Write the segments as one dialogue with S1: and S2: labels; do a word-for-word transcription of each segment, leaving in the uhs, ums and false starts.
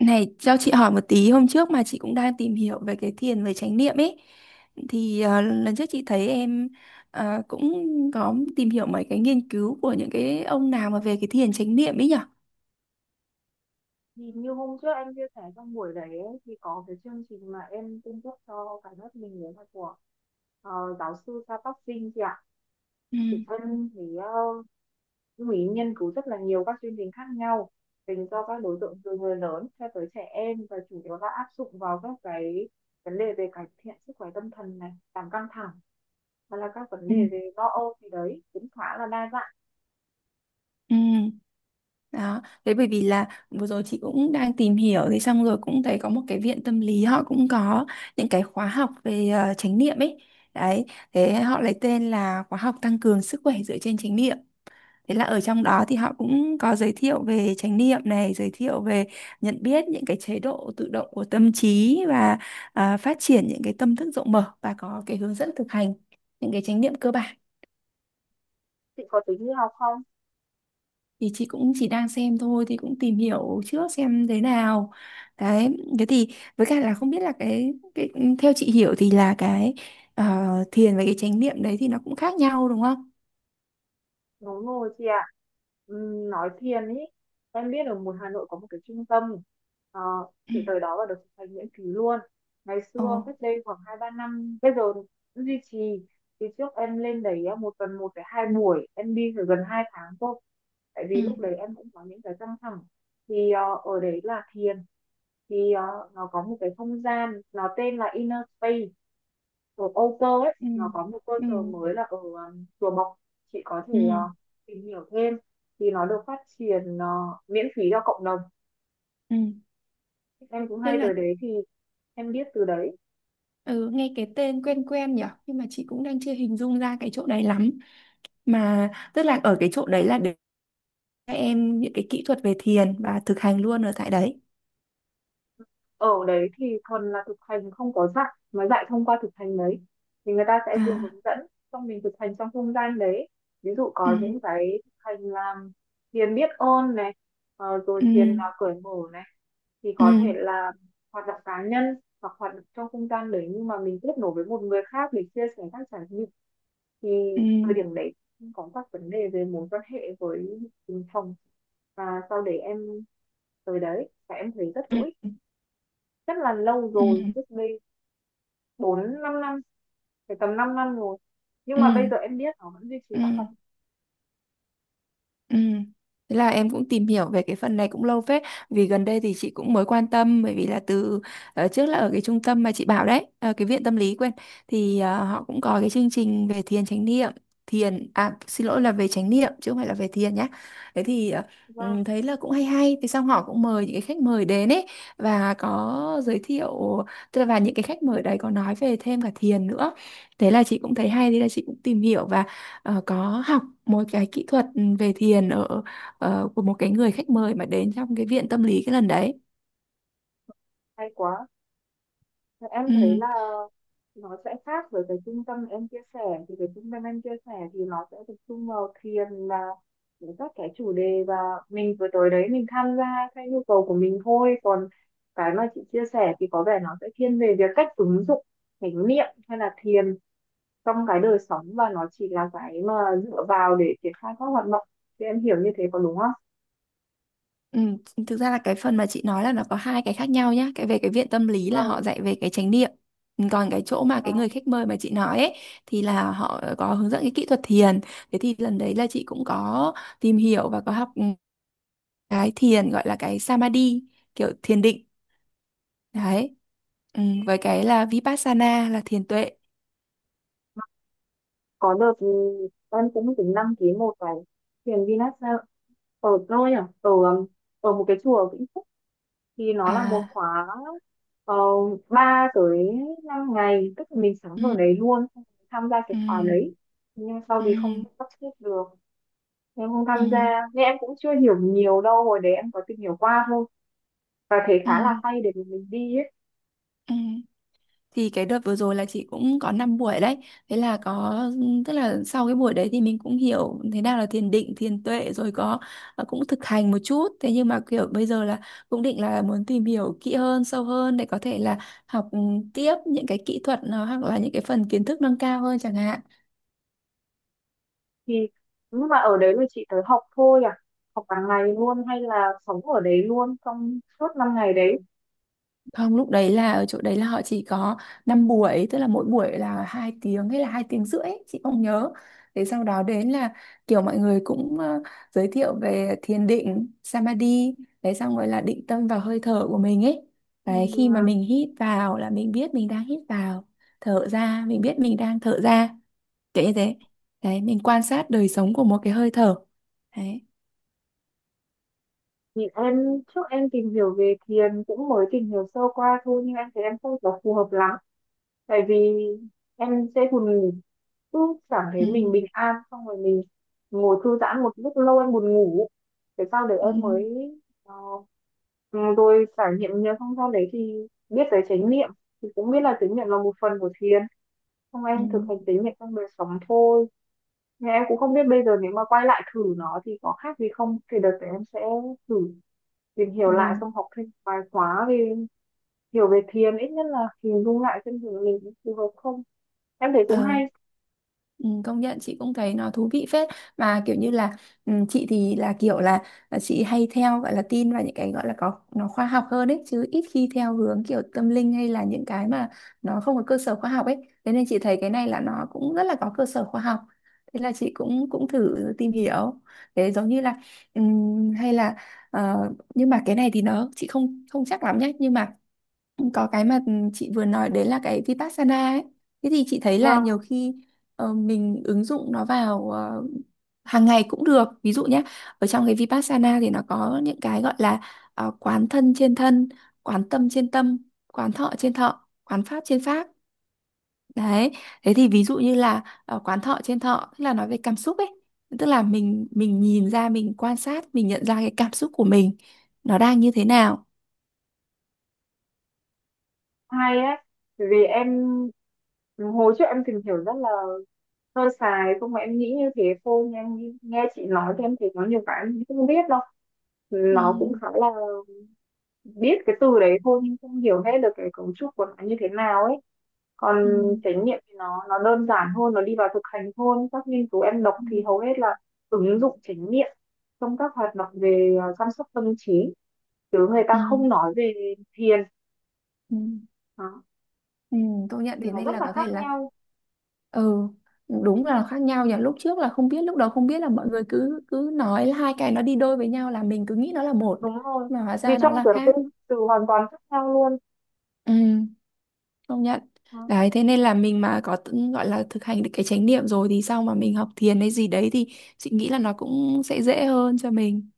S1: Này, cho chị hỏi một tí, hôm trước mà chị cũng đang tìm hiểu về cái thiền về chánh niệm ấy thì ờ, lần trước chị thấy em ờ, cũng có tìm hiểu mấy cái nghiên cứu của những cái ông nào mà về cái thiền chánh niệm ấy nhở?
S2: Thì như hôm trước anh chia sẻ trong buổi đấy ấy, thì có cái chương trình mà em cung cấp cho cả lớp mình đấy là của ờ, giáo sư Sa Tóc Sinh chị ạ.
S1: Ừ.
S2: Thì thân thì uh, cũng ý nghiên cứu rất là nhiều các chương trình khác nhau dành cho các đối tượng từ người lớn cho tới trẻ em và chủ yếu là áp dụng vào các cái vấn đề về cải thiện sức khỏe tâm thần này, giảm căng thẳng hoặc là các vấn
S1: Ừ.
S2: đề về lo âu thì đấy cũng khá là đa dạng.
S1: Ừ. Đó, thế bởi vì là vừa rồi chị cũng đang tìm hiểu thì xong rồi cũng thấy có một cái viện tâm lý họ cũng có những cái khóa học về ờ, chánh niệm ấy. Đấy, thế họ lấy tên là khóa học tăng cường sức khỏe dựa trên chánh niệm. Thế là ở trong đó thì họ cũng có giới thiệu về chánh niệm này, giới thiệu về nhận biết những cái chế độ tự động của tâm trí và à, phát triển những cái tâm thức rộng mở và có cái hướng dẫn thực hành những cái chánh niệm cơ bản.
S2: Chị có tính đi học không?
S1: Thì chị cũng chỉ đang xem thôi thì cũng tìm hiểu trước xem thế nào. Đấy, thế thì với cả là không biết là cái cái theo chị hiểu thì là cái ờ, thiền và cái chánh niệm đấy thì nó cũng khác nhau đúng không?
S2: Đúng rồi chị ạ. Ừm, nói thiền ý, em biết ở một Hà Nội có một cái trung tâm, Ờ,
S1: Ừ.
S2: chị tới đó và được thực hành miễn phí luôn. Ngày
S1: Ồ.
S2: xưa, cách đây khoảng hai ba năm, bây giờ vẫn duy trì. Thì trước em lên đấy á, một tuần một cái hai buổi, em đi phải gần hai tháng thôi. Tại
S1: Ừ.
S2: vì lúc đấy em cũng có những cái căng thẳng. Thì ờ, ở đấy là thiền, thì ờ, nó có một cái không gian, nó tên là Inner Space ở Âu Cơ ấy,
S1: Ừ.
S2: nó có một cơ
S1: Ừ.
S2: sở mới là ở um, Chùa Bộc, chị có thể
S1: Ừ.
S2: ờ, tìm hiểu thêm, thì nó được phát triển ờ, miễn phí cho cộng đồng,
S1: Ừ.
S2: em cũng
S1: Thế
S2: hay
S1: là.
S2: tới đấy thì em biết từ đấy.
S1: Ừ, nghe cái tên quen quen nhỉ, nhưng mà chị cũng đang chưa hình dung ra cái chỗ đấy lắm, mà tức là ở cái chỗ đấy là để các em những cái kỹ thuật về thiền và thực hành luôn ở tại đấy.
S2: Ở đấy thì thuần là thực hành, không có dạy mà dạy thông qua thực hành đấy, thì người ta sẽ vừa
S1: À.
S2: hướng dẫn xong mình thực hành trong không gian đấy, ví dụ
S1: Ừ.
S2: có những cái thực hành làm thiền biết ơn này, ờ, rồi
S1: Ừ.
S2: thiền uh, cởi mở này, thì
S1: Ừ.
S2: có thể là hoạt động cá nhân hoặc hoạt động trong không gian đấy nhưng mà mình kết nối với một người khác để chia sẻ các trải nghiệm. Thì
S1: Ừ.
S2: thời điểm đấy cũng có các vấn đề về mối quan hệ với từng phòng và sau đấy em tới đấy và em thấy rất
S1: Ừ.
S2: hữu ích, rất là lâu
S1: Ừ.
S2: rồi,
S1: Ừ.
S2: trước đây bốn năm năm, phải tầm năm năm rồi, nhưng
S1: Ừ.
S2: mà bây giờ em biết nó vẫn duy trì
S1: Ừ.
S2: các hoạt
S1: Ừ. Thế là em cũng tìm hiểu về cái phần này cũng lâu phết, vì gần đây thì chị cũng mới quan tâm bởi vì là từ ờ, trước là ở cái trung tâm mà chị bảo đấy, ờ, cái viện tâm lý quên, thì ờ, họ cũng có cái chương trình về thiền chánh niệm, thiền, à xin lỗi là về chánh niệm chứ không phải là về thiền nhá. Thế thì ờ, ừ,
S2: động.
S1: thấy là cũng hay hay, thì xong họ cũng mời những cái khách mời đến ấy và có giới thiệu, tức là và những cái khách mời đấy có nói về thêm cả thiền nữa, thế là chị cũng thấy hay, thế là chị cũng tìm hiểu và ờ, có học một cái kỹ thuật về thiền ở ờ, của một cái người khách mời mà đến trong cái viện tâm lý cái lần đấy.
S2: Hay quá. Thì em thấy
S1: Ừ,
S2: là nó sẽ khác với cái trung tâm em chia sẻ, thì cái trung tâm em chia sẻ thì nó sẽ tập trung vào thiền là những các cái chủ đề và mình vừa tới đấy mình tham gia theo nhu cầu của mình thôi, còn cái mà chị chia sẻ thì có vẻ nó sẽ thiên về việc cách ứng dụng chánh niệm hay là thiền trong cái đời sống và nó chỉ là cái mà dựa vào để triển khai các hoạt động, thì em hiểu như thế có đúng không?
S1: ừ, thực ra là cái phần mà chị nói là nó có hai cái khác nhau nhá. Cái về cái viện tâm lý là họ
S2: Vâng.
S1: dạy về cái chánh niệm. Còn cái chỗ mà cái người khách mời mà chị nói ấy thì là họ có hướng dẫn cái kỹ thuật thiền. Thế thì lần đấy là chị cũng có tìm hiểu và có học cái thiền gọi là cái samadhi, kiểu thiền định đấy. Ừ, với cái là vipassana là thiền tuệ.
S2: Có đợt ừ, em cũng tính đăng ký một cái thiền Vinyasa ở tôi à, ở um, ở một cái chùa ở Vĩnh Phúc, thì nó là một
S1: À.
S2: khóa uh, ba tới năm ngày, tức là mình sáng
S1: Ừ.
S2: ở đấy luôn xong tham gia
S1: Ừ.
S2: cái khóa đấy, nhưng sau
S1: Ừ.
S2: thì không sắp xếp được, em không
S1: Ừ.
S2: tham gia nên em cũng chưa hiểu nhiều đâu, hồi đấy em có tìm hiểu qua thôi và thấy
S1: Ừ.
S2: khá là hay để mình đi ấy.
S1: Ừ. Thì cái đợt vừa rồi là chị cũng có năm buổi đấy. Thế là có, tức là sau cái buổi đấy thì mình cũng hiểu thế nào là thiền định, thiền tuệ rồi, có ờ, cũng thực hành một chút. Thế nhưng mà kiểu bây giờ là cũng định là muốn tìm hiểu kỹ hơn, sâu hơn để có thể là học ừ, tiếp những cái kỹ thuật nó hoặc là những cái phần kiến thức nâng cao hơn chẳng hạn.
S2: Thì nhưng mà ở đấy là chị tới học thôi à, học cả ngày luôn hay là sống ở đấy luôn trong suốt năm ngày đấy?
S1: Không, lúc đấy là ở chỗ đấy là họ chỉ có năm buổi, tức là mỗi buổi là hai tiếng hay là hai tiếng rưỡi, ấy, chị không nhớ. Thế sau đó đến là kiểu mọi người cũng ờ, giới thiệu về thiền định, samadhi, đấy xong rồi là định tâm vào hơi thở của mình ấy.
S2: Ừ,
S1: Đấy, khi mà mình hít vào là mình biết mình đang hít vào, thở ra mình biết mình đang thở ra, kiểu như thế. Đấy, mình quan sát đời sống của một cái hơi thở. Đấy.
S2: thì em trước em tìm hiểu về thiền cũng mới tìm hiểu sơ qua thôi nhưng em thấy em không có phù hợp lắm, tại vì em sẽ buồn ngủ, cứ cảm
S1: Ừ.
S2: thấy mình bình an xong rồi mình ngồi thư giãn một lúc lâu em buồn ngủ, thế sau đấy
S1: Ừ.
S2: em mới ờ, ừ, rồi trải nghiệm nhiều xong sau đấy thì biết tới chánh niệm, thì cũng biết là chánh niệm là một phần của thiền, xong
S1: Ừ.
S2: em thực hành chánh niệm trong đời sống thôi, nhưng em cũng không biết bây giờ nếu mà quay lại thử nó thì có khác gì không, thì đợt đấy em sẽ thử tìm hiểu lại
S1: Ừ.
S2: xong học thêm vài khóa về hiểu về thiền, ít nhất là hình dung lại xem thử mình phù hợp không, em thấy cũng
S1: Ờ,
S2: hay.
S1: ừ, công nhận chị cũng thấy nó thú vị phết, mà kiểu như là ừ, chị thì là kiểu là, là chị hay theo gọi là tin vào những cái gọi là có nó khoa học hơn ấy, chứ ít khi theo hướng kiểu tâm linh hay là những cái mà nó không có cơ sở khoa học ấy, thế nên chị thấy cái này là nó cũng rất là có cơ sở khoa học, thế là chị cũng cũng thử tìm hiểu, thế giống như là ừm, hay là ờ, nhưng mà cái này thì nó chị không không chắc lắm nhé, nhưng mà có cái mà chị vừa nói đấy là cái Vipassana ấy, thế thì chị thấy là nhiều
S2: Vâng,
S1: khi ờ, mình ứng dụng nó vào ờ, hàng ngày cũng được, ví dụ nhé, ở trong cái Vipassana thì nó có những cái gọi là ờ, quán thân trên thân, quán tâm trên tâm, quán thọ trên thọ, quán pháp trên pháp, đấy. Thế thì ví dụ như là ờ, quán thọ trên thọ tức là nói về cảm xúc ấy, tức là mình mình nhìn ra, mình quan sát, mình nhận ra cái cảm xúc của mình nó đang như thế nào.
S2: hay ấy, bởi vì em hồi trước em tìm hiểu rất là sơ sài, không mà em nghĩ như thế thôi, nhưng em nghe nghe chị nói thì em thấy có nhiều cái em không biết đâu, nó cũng
S1: Ừ.
S2: khá là biết cái từ đấy thôi nhưng không hiểu hết được cái cấu trúc của nó như thế nào ấy, còn
S1: Ừ.
S2: trải nghiệm thì nó nó đơn giản hơn, nó đi vào thực hành hơn, các nghiên cứu em đọc
S1: Ừ.
S2: thì hầu hết là ứng dụng trải nghiệm trong các hoạt động về ờ, chăm sóc tâm trí, chứ người
S1: Ừ.
S2: ta không nói về thiền.
S1: Ừ.
S2: Đó.
S1: Ừ, công nhận
S2: Thì
S1: thế
S2: nó
S1: nên
S2: rất
S1: là
S2: là
S1: có
S2: khác
S1: thể là
S2: nhau,
S1: ừ đúng là khác nhau nhỉ, lúc trước là không biết, lúc đầu không biết là mọi người cứ cứ nói là hai cái nó đi đôi với nhau là mình cứ nghĩ nó là một,
S2: đúng rồi,
S1: mà hóa
S2: vì
S1: ra nó
S2: trong
S1: là
S2: tưởng
S1: khác.
S2: tượng từ hoàn toàn khác nhau luôn.
S1: Ừ, công nhận.
S2: Đó.
S1: Đấy thế nên là mình mà có tự- gọi là thực hành được cái chánh niệm rồi thì sau mà mình học thiền hay gì đấy thì chị nghĩ là nó cũng sẽ dễ hơn cho mình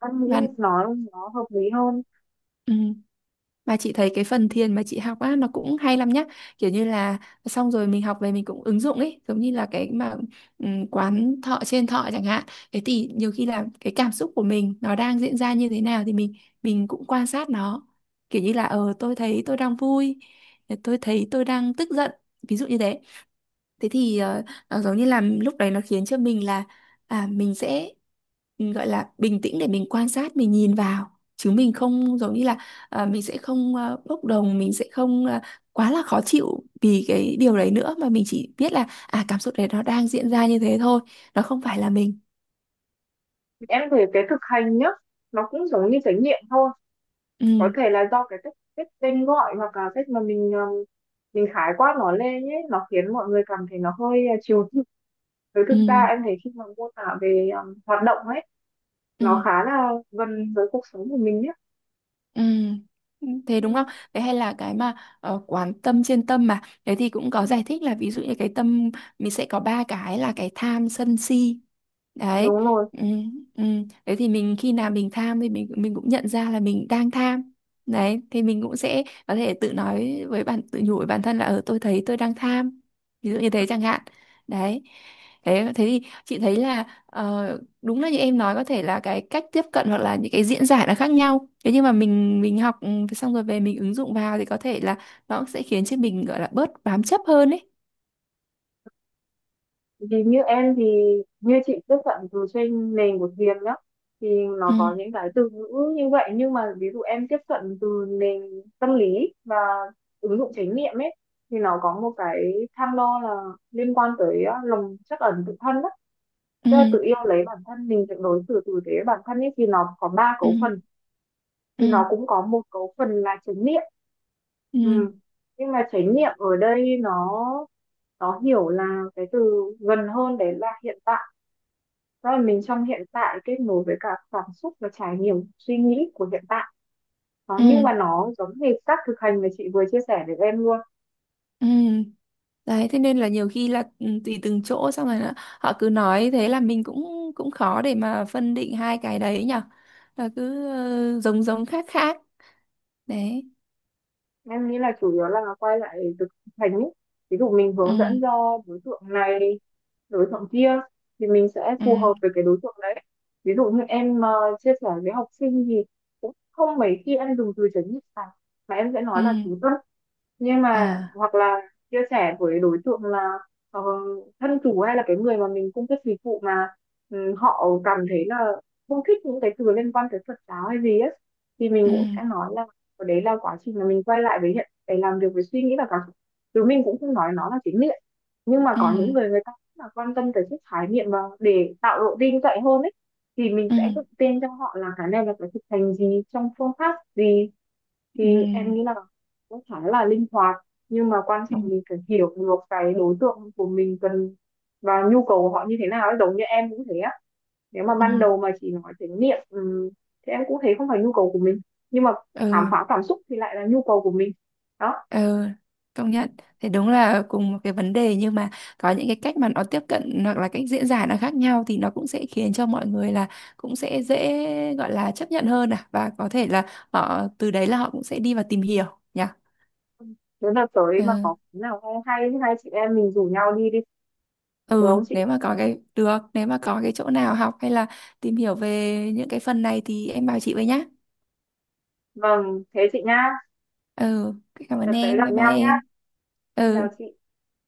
S2: Em nghĩ
S1: bạn.
S2: nói nó hợp lý hơn.
S1: Ừ. Mà chị thấy cái phần thiền mà chị học á nó cũng hay lắm nhá, kiểu như là xong rồi mình học về mình cũng ứng dụng ấy, giống như là cái mà ừm, quán thọ trên thọ chẳng hạn, thế thì nhiều khi là cái cảm xúc của mình nó đang diễn ra như thế nào thì mình mình cũng quan sát nó, kiểu như là ờ tôi thấy tôi đang vui, tôi thấy tôi đang tức giận, ví dụ như thế. Thế thì ờ, nó giống như là lúc đấy nó khiến cho mình là à mình sẽ ừ, gọi là bình tĩnh để mình quan sát, mình nhìn vào chứ mình không giống như là ờ, mình sẽ không ờ, bốc đồng, mình sẽ không ờ, quá là khó chịu vì cái điều đấy nữa, mà mình chỉ biết là à cảm xúc đấy nó đang diễn ra như thế thôi, nó không phải là mình.
S2: Em thấy cái thực hành nhá, nó cũng giống như trải nghiệm thôi,
S1: Ừ.
S2: có thể là do cái cách cách tên gọi hoặc là cách mà mình ờ, mình khái quát nó lên ấy, nó khiến mọi người cảm thấy nó hơi ờ, chiều chuộng, với
S1: Ừ.
S2: thực ra em thấy khi mà mô tả về ờ, hoạt động ấy
S1: Ừ.
S2: nó khá là gần với cuộc sống của mình nhé.
S1: Ừ. Thế đúng
S2: Ừ,
S1: không? Thế hay là cái mà ờ, quán tâm trên tâm mà thế thì cũng có giải thích là ví dụ như cái tâm mình sẽ có ba cái là cái tham sân si đấy.
S2: đúng rồi.
S1: Ừ, ừ. Thế thì mình khi nào mình tham thì mình mình cũng nhận ra là mình đang tham, đấy thì mình cũng sẽ có thể tự nói với bản, tự nhủ với bản thân là ở tôi thấy tôi đang tham, ví dụ như thế chẳng hạn, đấy. Thế thế thì chị thấy là ờ, đúng là như em nói có thể là cái cách tiếp cận hoặc là những cái diễn giải nó khác nhau, thế nhưng mà mình mình học ừ, xong rồi về mình ứng dụng vào thì có thể là nó sẽ khiến cho mình gọi là bớt bám chấp hơn ấy.
S2: Vì như em thì như chị tiếp cận từ trên nền của Hiền nhá, thì nó
S1: Ừ.
S2: có những cái từ ngữ như vậy nhưng mà ví dụ em tiếp cận từ nền tâm lý và ứng dụng chánh niệm ấy, thì nó có một cái tham đo là liên quan tới ờ, lòng trắc ẩn tự thân đó,
S1: Ừ.
S2: tức là tự yêu lấy bản thân mình, tự đối xử tử tế với bản thân ấy thì nó có ba
S1: Ừ.
S2: cấu phần thì nó
S1: Ừ.
S2: cũng có một cấu phần là chánh niệm.
S1: Ừ.
S2: Ừ. Nhưng mà chánh niệm ở đây nó nó hiểu là cái từ gần hơn đấy là hiện tại, đó là mình trong hiện tại kết nối với cả cảm xúc và trải nghiệm suy nghĩ của hiện tại. Đó, nhưng
S1: Ừ.
S2: mà nó giống hệt các thực hành mà chị vừa chia sẻ với em luôn.
S1: Ừ. Đấy thế nên là nhiều khi là ừ, tùy từng chỗ, xong rồi là họ cứ nói thế là mình cũng cũng khó để mà phân định hai cái đấy nhở, là cứ ờ, giống giống khác khác, đấy.
S2: Em nghĩ là chủ yếu là quay lại thực hành ấy. Ví dụ mình hướng dẫn
S1: Ừ.
S2: cho đối tượng này, đối tượng kia thì mình sẽ
S1: Ừ.
S2: phù hợp với cái đối tượng đấy. Ví dụ như em ờ, chia sẻ với học sinh thì cũng không mấy khi em dùng từ chấn định cả. Mà em sẽ
S1: Ừ.
S2: nói là chú tâm, nhưng mà
S1: À.
S2: hoặc là chia sẻ với đối tượng là ờ, thân chủ hay là cái người mà mình cung cấp dịch vụ mà ừ, họ cảm thấy là không thích những cái từ liên quan tới Phật giáo hay gì ấy, thì mình
S1: Ừ.
S2: cũng sẽ nói là ở đấy là quá trình mà mình quay lại với hiện để làm việc với suy nghĩ và cảm xúc, chứ mình cũng không nói nó là chính niệm, nhưng mà
S1: Ừ.
S2: có những người người ta cũng là quan tâm tới chất khái niệm và để tạo độ tin cậy hơn ấy, thì mình
S1: Ừ.
S2: sẽ tự tin cho họ là cái này là phải thực hành gì trong phương pháp gì.
S1: Ừ.
S2: Thì em nghĩ là cũng khá là linh hoạt, nhưng mà quan
S1: Ừ.
S2: trọng mình phải hiểu được cái đối tượng của mình cần và nhu cầu của họ như thế nào ấy. Giống như em cũng thế á, nếu mà
S1: Ừ.
S2: ban đầu mà chỉ nói đến miệng ừm, thì em cũng thấy không phải nhu cầu của mình, nhưng mà khám
S1: Ừ.
S2: phá cảm xúc thì lại là nhu cầu của mình. Đó.
S1: Ừ, công nhận thì đúng là cùng một cái vấn đề nhưng mà có những cái cách mà nó tiếp cận hoặc là cách diễn giải nó khác nhau thì nó cũng sẽ khiến cho mọi người là cũng sẽ dễ gọi là chấp nhận hơn, à và có thể là họ từ đấy là họ cũng sẽ đi và tìm hiểu nhỉ.
S2: Nếu là tới
S1: Ừ,
S2: mà có cái nào hay hay thì hai chị em mình rủ nhau đi đi, được
S1: ừ
S2: không chị?
S1: nếu mà có cái được nếu mà có cái chỗ nào học hay là tìm hiểu về những cái phần này thì em bảo chị với nhá.
S2: Vâng, thế chị nha,
S1: Ừ, cảm ơn
S2: đợt tới
S1: em,
S2: gặp
S1: bye bye
S2: nhau nhá,
S1: em.
S2: nên là
S1: Ừ.
S2: chị